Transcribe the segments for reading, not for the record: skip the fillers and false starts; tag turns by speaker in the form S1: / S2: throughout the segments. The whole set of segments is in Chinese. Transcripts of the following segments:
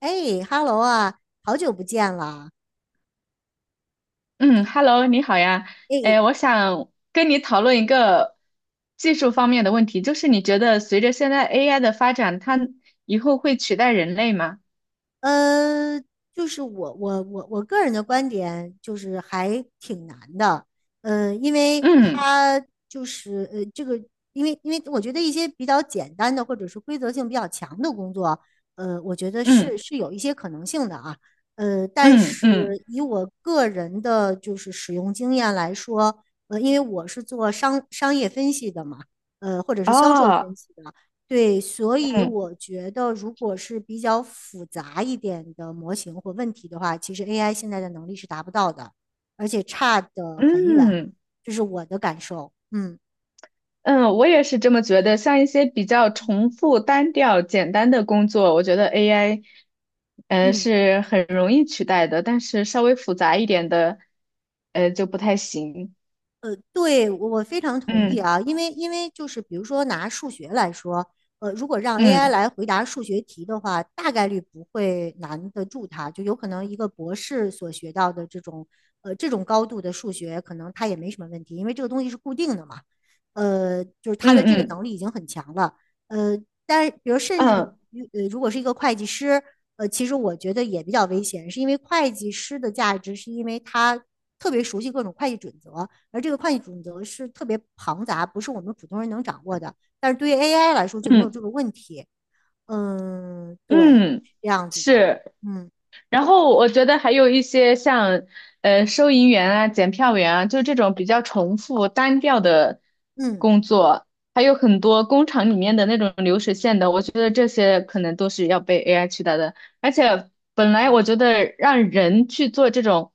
S1: 哎，哈喽啊，好久不见了。
S2: 嗯，Hello，你好呀。
S1: 哎，
S2: 哎，我想跟你讨论一个技术方面的问题，就是你觉得随着现在 AI 的发展，它以后会取代人类吗？
S1: 呃，就是我个人的观点就是还挺难的，因为
S2: 嗯
S1: 他就是这个，因为我觉得一些比较简单的或者是规则性比较强的工作，我觉得是
S2: 嗯
S1: 是有一些可能性的啊，但
S2: 嗯嗯，
S1: 是以我个人的就是使用经验来说，因为我是做商业分析的嘛。或者是销售
S2: 哦，
S1: 分析的，对，所以
S2: 嗯
S1: 我觉得，如果是比较复杂一点的模型或问题的话，其实 AI 现在的能力是达不到的，而且差得很远，
S2: 嗯
S1: 这是我的感受。嗯
S2: 嗯，我也是这么觉得。像一些比较重复、单调、简单的工作，我觉得 AI，
S1: 嗯。
S2: 是很容易取代的，但是稍微复杂一点的，就不太行。
S1: 对，我非常同意
S2: 嗯
S1: 啊，因为就是比如说拿数学来说，如果让 AI
S2: 嗯
S1: 来回答数学题的话，大概率不会难得住它，就有可能一个博士所学到的这种高度的数学，可能它也没什么问题，因为这个东西是固定的嘛，就是他的
S2: 嗯
S1: 这个
S2: 嗯。
S1: 能力已经很强了，呃，但是比如甚至
S2: 嗯
S1: 于如果是一个会计师。其实我觉得也比较危险，是因为会计师的价值是因为他特别熟悉各种会计准则，而这个会计准则是特别庞杂，不是我们普通人能掌握的。但是对于 AI 来说就没有
S2: 嗯
S1: 这个问题。嗯，对，
S2: 嗯，
S1: 这样子的。
S2: 是。
S1: 嗯
S2: 然后我觉得还有一些像收
S1: 嗯
S2: 银员啊、检票员啊，就这种比较重复单调的
S1: 嗯
S2: 工作，还有很多工厂里面的那种流水线的，我觉得这些可能都是要被 AI 取代的。而且本来
S1: 嗯，
S2: 我觉得让人去做这种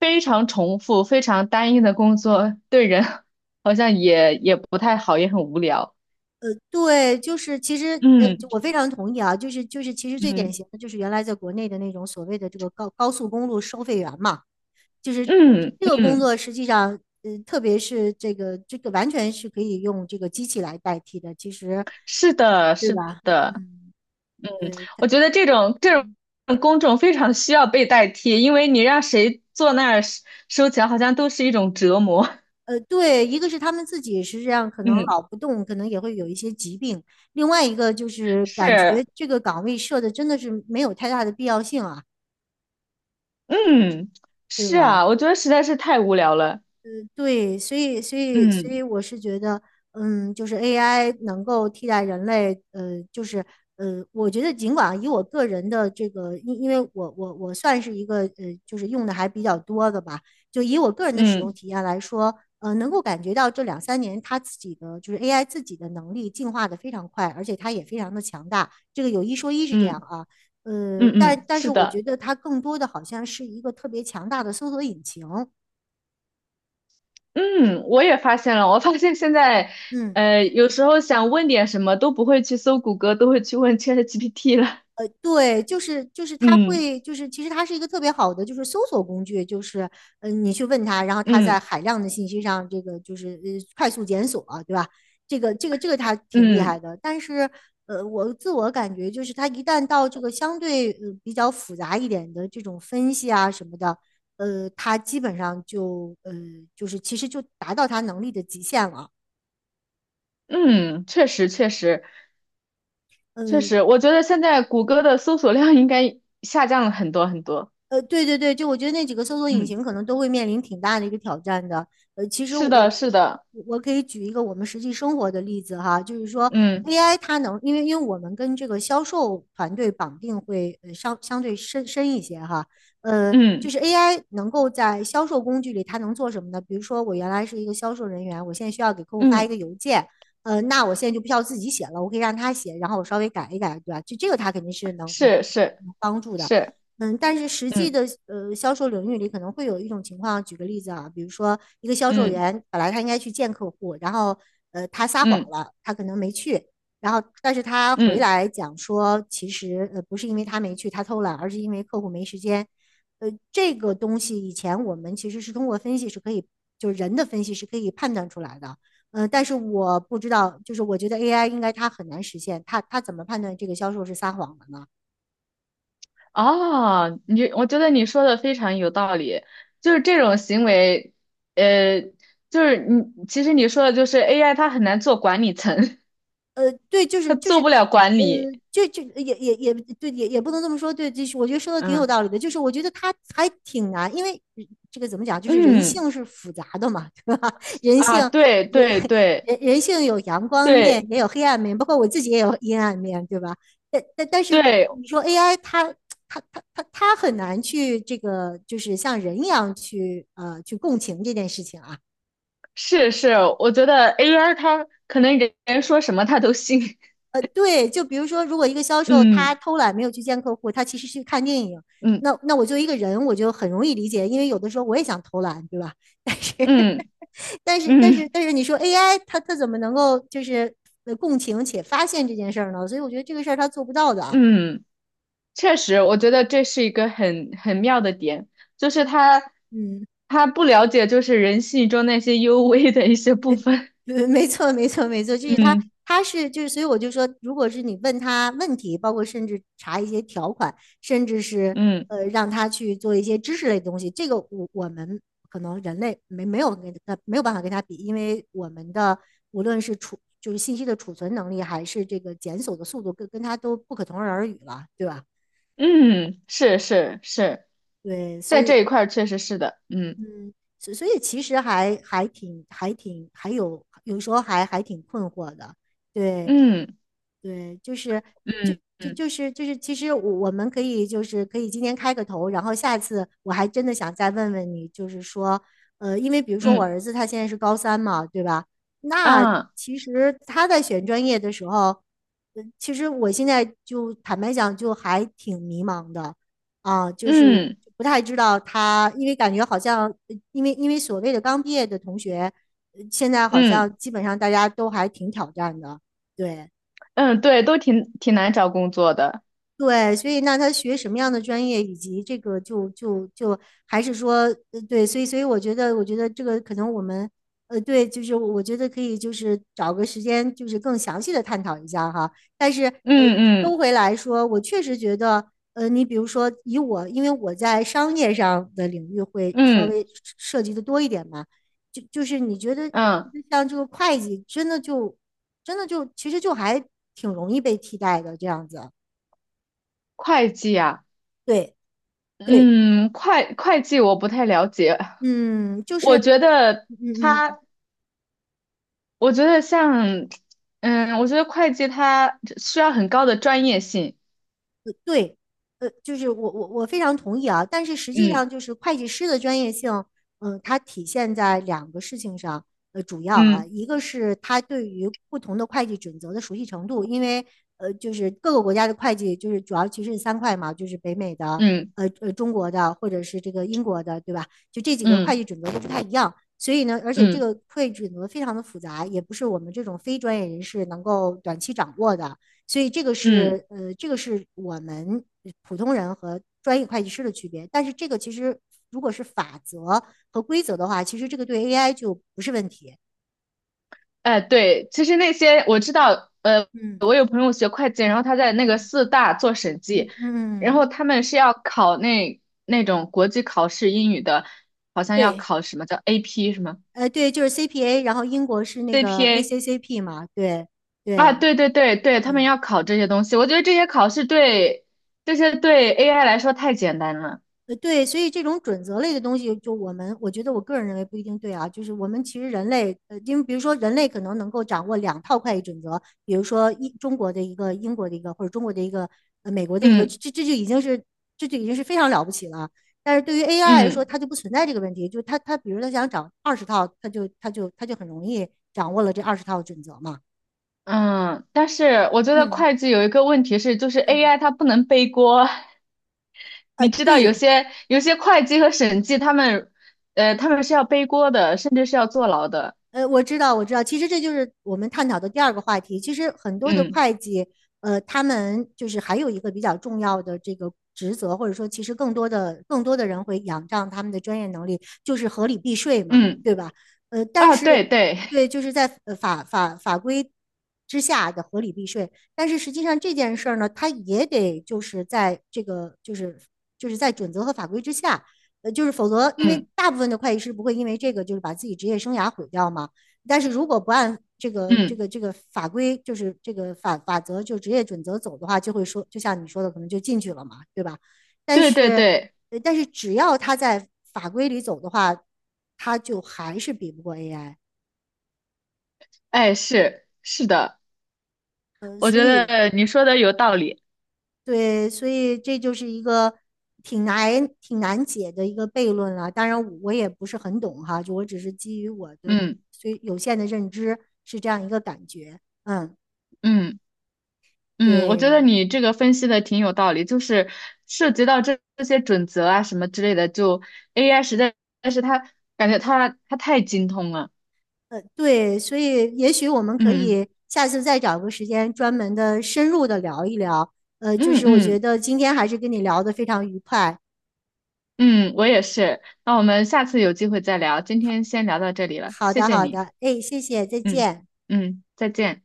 S2: 非常重复、非常单一的工作，对人 好像也不太好，也很无聊。
S1: 对，就是其实
S2: 嗯
S1: 就我非常同意啊，就是其实最典
S2: 嗯
S1: 型的就是原来在国内的那种所谓的这个高速公路收费员嘛，就是
S2: 嗯
S1: 这个工
S2: 嗯。
S1: 作实际上，特别是这个完全是可以用这个机器来代替的，其实
S2: 是的，
S1: 对
S2: 是
S1: 吧？
S2: 的，
S1: 嗯，
S2: 嗯，
S1: 对它。
S2: 我觉得这种
S1: 嗯，
S2: 公众非常需要被代替，因为你让谁坐那儿收收钱，好像都是一种折磨。
S1: 对，一个是他们自己实是这样，可能
S2: 嗯，
S1: 老不动，可能也会有一些疾病；另外一个就是感
S2: 是，
S1: 觉这个岗位设的真的是没有太大的必要性啊，
S2: 嗯，
S1: 对
S2: 是
S1: 吧？
S2: 啊，我觉得实在是太无聊了。
S1: 对，所以所以所
S2: 嗯
S1: 以我是觉得，嗯，就是 AI 能够替代人类，就是我觉得尽管以我个人的这个，因为我算是一个就是用的还比较多的吧，就以我个人的使用
S2: 嗯
S1: 体验来说，能够感觉到这两三年它自己的就是 AI 自己的能力进化的非常快，而且它也非常的强大，这个有一说一是这
S2: 嗯
S1: 样啊，
S2: 嗯
S1: 但
S2: 嗯，
S1: 但
S2: 是
S1: 是我
S2: 的，
S1: 觉得它更多的好像是一个特别强大的搜索引擎。
S2: 嗯，我也发现了，我发现现在，
S1: 嗯。
S2: 有时候想问点什么都不会去搜谷歌，都会去问 ChatGPT 了。
S1: 对，就是他
S2: 嗯
S1: 会就是其实它是一个特别好的就是搜索工具，就是你去问他，然后他在
S2: 嗯
S1: 海量的信息上这个就是快速检索，对吧？这个他挺厉
S2: 嗯
S1: 害的，但是我自我感觉就是他一旦到这个相对比较复杂一点的这种分析啊什么的，他基本上就就是其实就达到他能力的极限了。
S2: 嗯，确实确实。确
S1: 嗯，
S2: 实，我觉得现在谷歌的搜索量应该下降了很多很多。
S1: 对对对，就我觉得那几个搜索引
S2: 嗯，
S1: 擎可能都会面临挺大的一个挑战的。其实
S2: 是
S1: 我
S2: 的，是的，
S1: 我可以举一个我们实际生活的例子哈，就是说
S2: 嗯
S1: AI 它能，因为我们跟这个销售团队绑定会相对深一些哈，就
S2: 嗯
S1: 是 AI 能够在销售工具里它能做什么呢？比如说我原来是一个销售人员，我现在需要给客户发一
S2: 嗯，
S1: 个邮件，那我现在就不需要自己写了，我可以让他写，然后我稍微改一改，对吧？就这个他肯定是能
S2: 是是
S1: 助的。
S2: 是，
S1: 嗯，但是实际
S2: 嗯
S1: 的销售领域里可能会有一种情况，举个例子啊，比如说一个销售
S2: 嗯
S1: 员本来他应该去见客户，然后他撒谎
S2: 嗯
S1: 了，他可能没去，然后但是他回
S2: 嗯，
S1: 来讲说，其实不是因为他没去，他偷懒，而是因为客户没时间。这个东西以前我们其实是通过分析是可以，就是人的分析是可以判断出来的。但是我不知道，就是我觉得 AI 应该它很难实现，它怎么判断这个销售是撒谎的呢？
S2: 啊，我觉得你说的非常有道理，就是这种行为，呃，就是你其实你说的就是 AI 它很难做管理层，
S1: 对，就
S2: 它
S1: 是就是，
S2: 做不了管
S1: 呃，
S2: 理。
S1: 就就也也也对，也不能这么说，对，就是我觉得说的挺有
S2: 嗯
S1: 道理的，就是我觉得他还挺难，因为这个怎么讲，就是人
S2: 嗯
S1: 性是复杂的嘛，对吧？
S2: 啊，对
S1: 人
S2: 对对
S1: 人性有阳光面，
S2: 对
S1: 也有黑暗面，包括我自己也有阴暗面，对吧？但是
S2: 对，
S1: 你说 AI 它很难去这个，就是像人一样去去共情这件事情啊。
S2: 是是，我觉得 AI 它可能人人说什么它都信。
S1: 对，就比如说，如果一个销售他
S2: 嗯
S1: 偷懒没有去见客户，他其实去看电影，
S2: 嗯
S1: 那我作为一个人，我就很容易理解，因为有的时候我也想偷懒，对吧？但是
S2: 嗯
S1: 但是但是
S2: 嗯
S1: 但是你说 AI 它怎么能够就是共情且发现这件事儿呢？所以我觉得这个事儿它做不到的啊。
S2: 嗯，确实，我觉得这是一个很妙的点，就是他
S1: 嗯。
S2: 他不了解就是人性中那些幽微的一些部分。
S1: 没错，没错，没错，
S2: 嗯
S1: 他是所以我就说，如果是你问他问题，包括甚至查一些条款，甚至是
S2: 嗯
S1: 让他去做一些知识类的东西，这个我们可能人类没有办法跟他比，因为我们的无论是储就是信息的储存能力，还是这个检索的速度，跟他都不可同日而语了，对吧？
S2: 嗯，是是是，
S1: 对，所
S2: 在这
S1: 以
S2: 一块儿确实是的。嗯
S1: 嗯，所以其实还还挺还挺还有有时候还挺困惑的，对。
S2: 嗯
S1: 对，就
S2: 嗯
S1: 就
S2: 嗯
S1: 就是就是，其实我们可以就是可以今天开个头，然后下次我还真的想再问问你，就是说，因为比如说我
S2: 嗯
S1: 儿子他现在是高三嘛，对吧？那
S2: 啊
S1: 其实他在选专业的时候，其实我现在就坦白讲，就还挺迷茫的啊，就是
S2: 嗯
S1: 不太知道他，因为感觉好像，因为所谓的刚毕业的同学，现在好
S2: 嗯
S1: 像基本上大家都还挺挑战的，对。
S2: 嗯，对，都挺难找工作的。
S1: 对，所以那他学什么样的专业，以及这个就就就还是说，对，所以我觉得，我觉得这个可能我们，对，就是我觉得可以，就是找个时间，就是更详细的探讨一下哈。但是，呃，
S2: 嗯
S1: 收
S2: 嗯
S1: 回来说，我确实觉得，你比如说以我，因为我在商业上的领域会稍
S2: 嗯。
S1: 微涉及的多一点嘛，就是你觉得，我觉
S2: 嗯，
S1: 得像这个会计，真的就其实就还挺容易被替代的这样子，
S2: 会计啊，
S1: 对。对，
S2: 嗯，会计我不太了解，
S1: 嗯，就是，
S2: 我觉得
S1: 嗯嗯，嗯
S2: 他，我觉得像，嗯，我觉得会计它需要很高的专业性，
S1: 对，就是我非常同意啊，但是实际
S2: 嗯
S1: 上就是会计师的专业性，嗯，它体现在两个事情上，主要啊，
S2: 嗯
S1: 一个是他对于不同的会计准则的熟悉程度，因为就是各个国家的会计就是主要其实是三块嘛，就是北美的，
S2: 嗯
S1: 中国的或者是这个英国的，对吧？就这几个会
S2: 嗯
S1: 计准则都不太一样。所以呢，而且这
S2: 嗯
S1: 个会计准则非常的复杂，也不是我们这种非专业人士能够短期掌握的。所以这个
S2: 嗯，
S1: 是这个是我们普通人和专业会计师的区别。但是这个其实如果是法则和规则的话，其实这个对 AI 就不是问题。
S2: 哎，对，其实那些我知道，
S1: 嗯
S2: 我有朋友学会计，然后他在那个
S1: 嗯
S2: 四大做审计，
S1: 嗯，
S2: 然
S1: 嗯，
S2: 后他们是要考那种国际考试英语的，好像要
S1: 对，
S2: 考什么叫 AP 什么
S1: 对，就是 CPA，然后英国是那个
S2: CPA。
S1: ACCP 嘛，对
S2: 啊，
S1: 对
S2: 对对对对，他们
S1: 对。
S2: 要考这些东西，我觉得这些考试对这些对 AI 来说太简单了。
S1: 对，所以这种准则类的东西，就我们，我觉得我个人认为不一定对啊。就是我们其实人类，因为比如说人类可能能够掌握两套会计准则，比如说一中国的一个、英国的一个，或者中国的一个、美国的一个，
S2: 嗯
S1: 这就已经是非常了不起了。但是对于 AI 来说，
S2: 嗯
S1: 它就不存在这个问题，就是它比如它想掌二十套，它就很容易掌握了这二十套准则嘛。
S2: 嗯，但是我觉得
S1: 嗯
S2: 会计有一个问题是，就是
S1: 嗯，
S2: AI 它不能背锅。你知道有
S1: 对，
S2: 些有些会计和审计他们是要背锅的，甚至是要坐牢的。
S1: 我知道，我知道，其实这就是我们探讨的第二个话题。其实很多的
S2: 嗯
S1: 会计，他们就是还有一个比较重要的这个职责，或者说，其实更多的人会仰仗他们的专业能力，就是合理避税嘛，
S2: 嗯，
S1: 对吧？但
S2: 啊，对
S1: 是
S2: 对，
S1: 对，就是在法规之下的合理避税，但是实际上这件事儿呢，它也得就是在这个就是在准则和法规之下。就是否则，因为
S2: 嗯
S1: 大部分的会计师不会因为这个就是把自己职业生涯毁掉嘛。但是如果不按这个这
S2: 嗯，
S1: 个这个法规，就是这个法则，就职业准则走的话，就会说，就像你说的，可能就进去了嘛，对吧？但
S2: 对对
S1: 是，
S2: 对，
S1: 但是只要他在法规里走的话，他就还是比不过 AI。
S2: 哎，是是的，我
S1: 所
S2: 觉
S1: 以
S2: 得你说的有道理。
S1: 对，所以这就是一个挺难解的一个悖论了。当然，我也不是很懂哈，就我只是基于我的
S2: 嗯
S1: 虽有限的认知是这样一个感觉。嗯，
S2: 嗯。嗯，我觉得
S1: 对，
S2: 你这个分析的挺有道理，就是涉及到这些准则啊什么之类的，就 AI 但是它感觉它太精通了。
S1: 对，所以也许我们可
S2: 嗯
S1: 以下次再找个时间专门的深入的聊一聊。就
S2: 嗯嗯
S1: 是我觉
S2: 嗯
S1: 得今天还是跟你聊得非常愉快。
S2: 嗯，我也是。那我们下次有机会再聊，今天先聊到这里了，
S1: 好
S2: 谢
S1: 的，
S2: 谢
S1: 好
S2: 你。
S1: 的，哎，谢谢，再
S2: 嗯
S1: 见。
S2: 嗯，再见。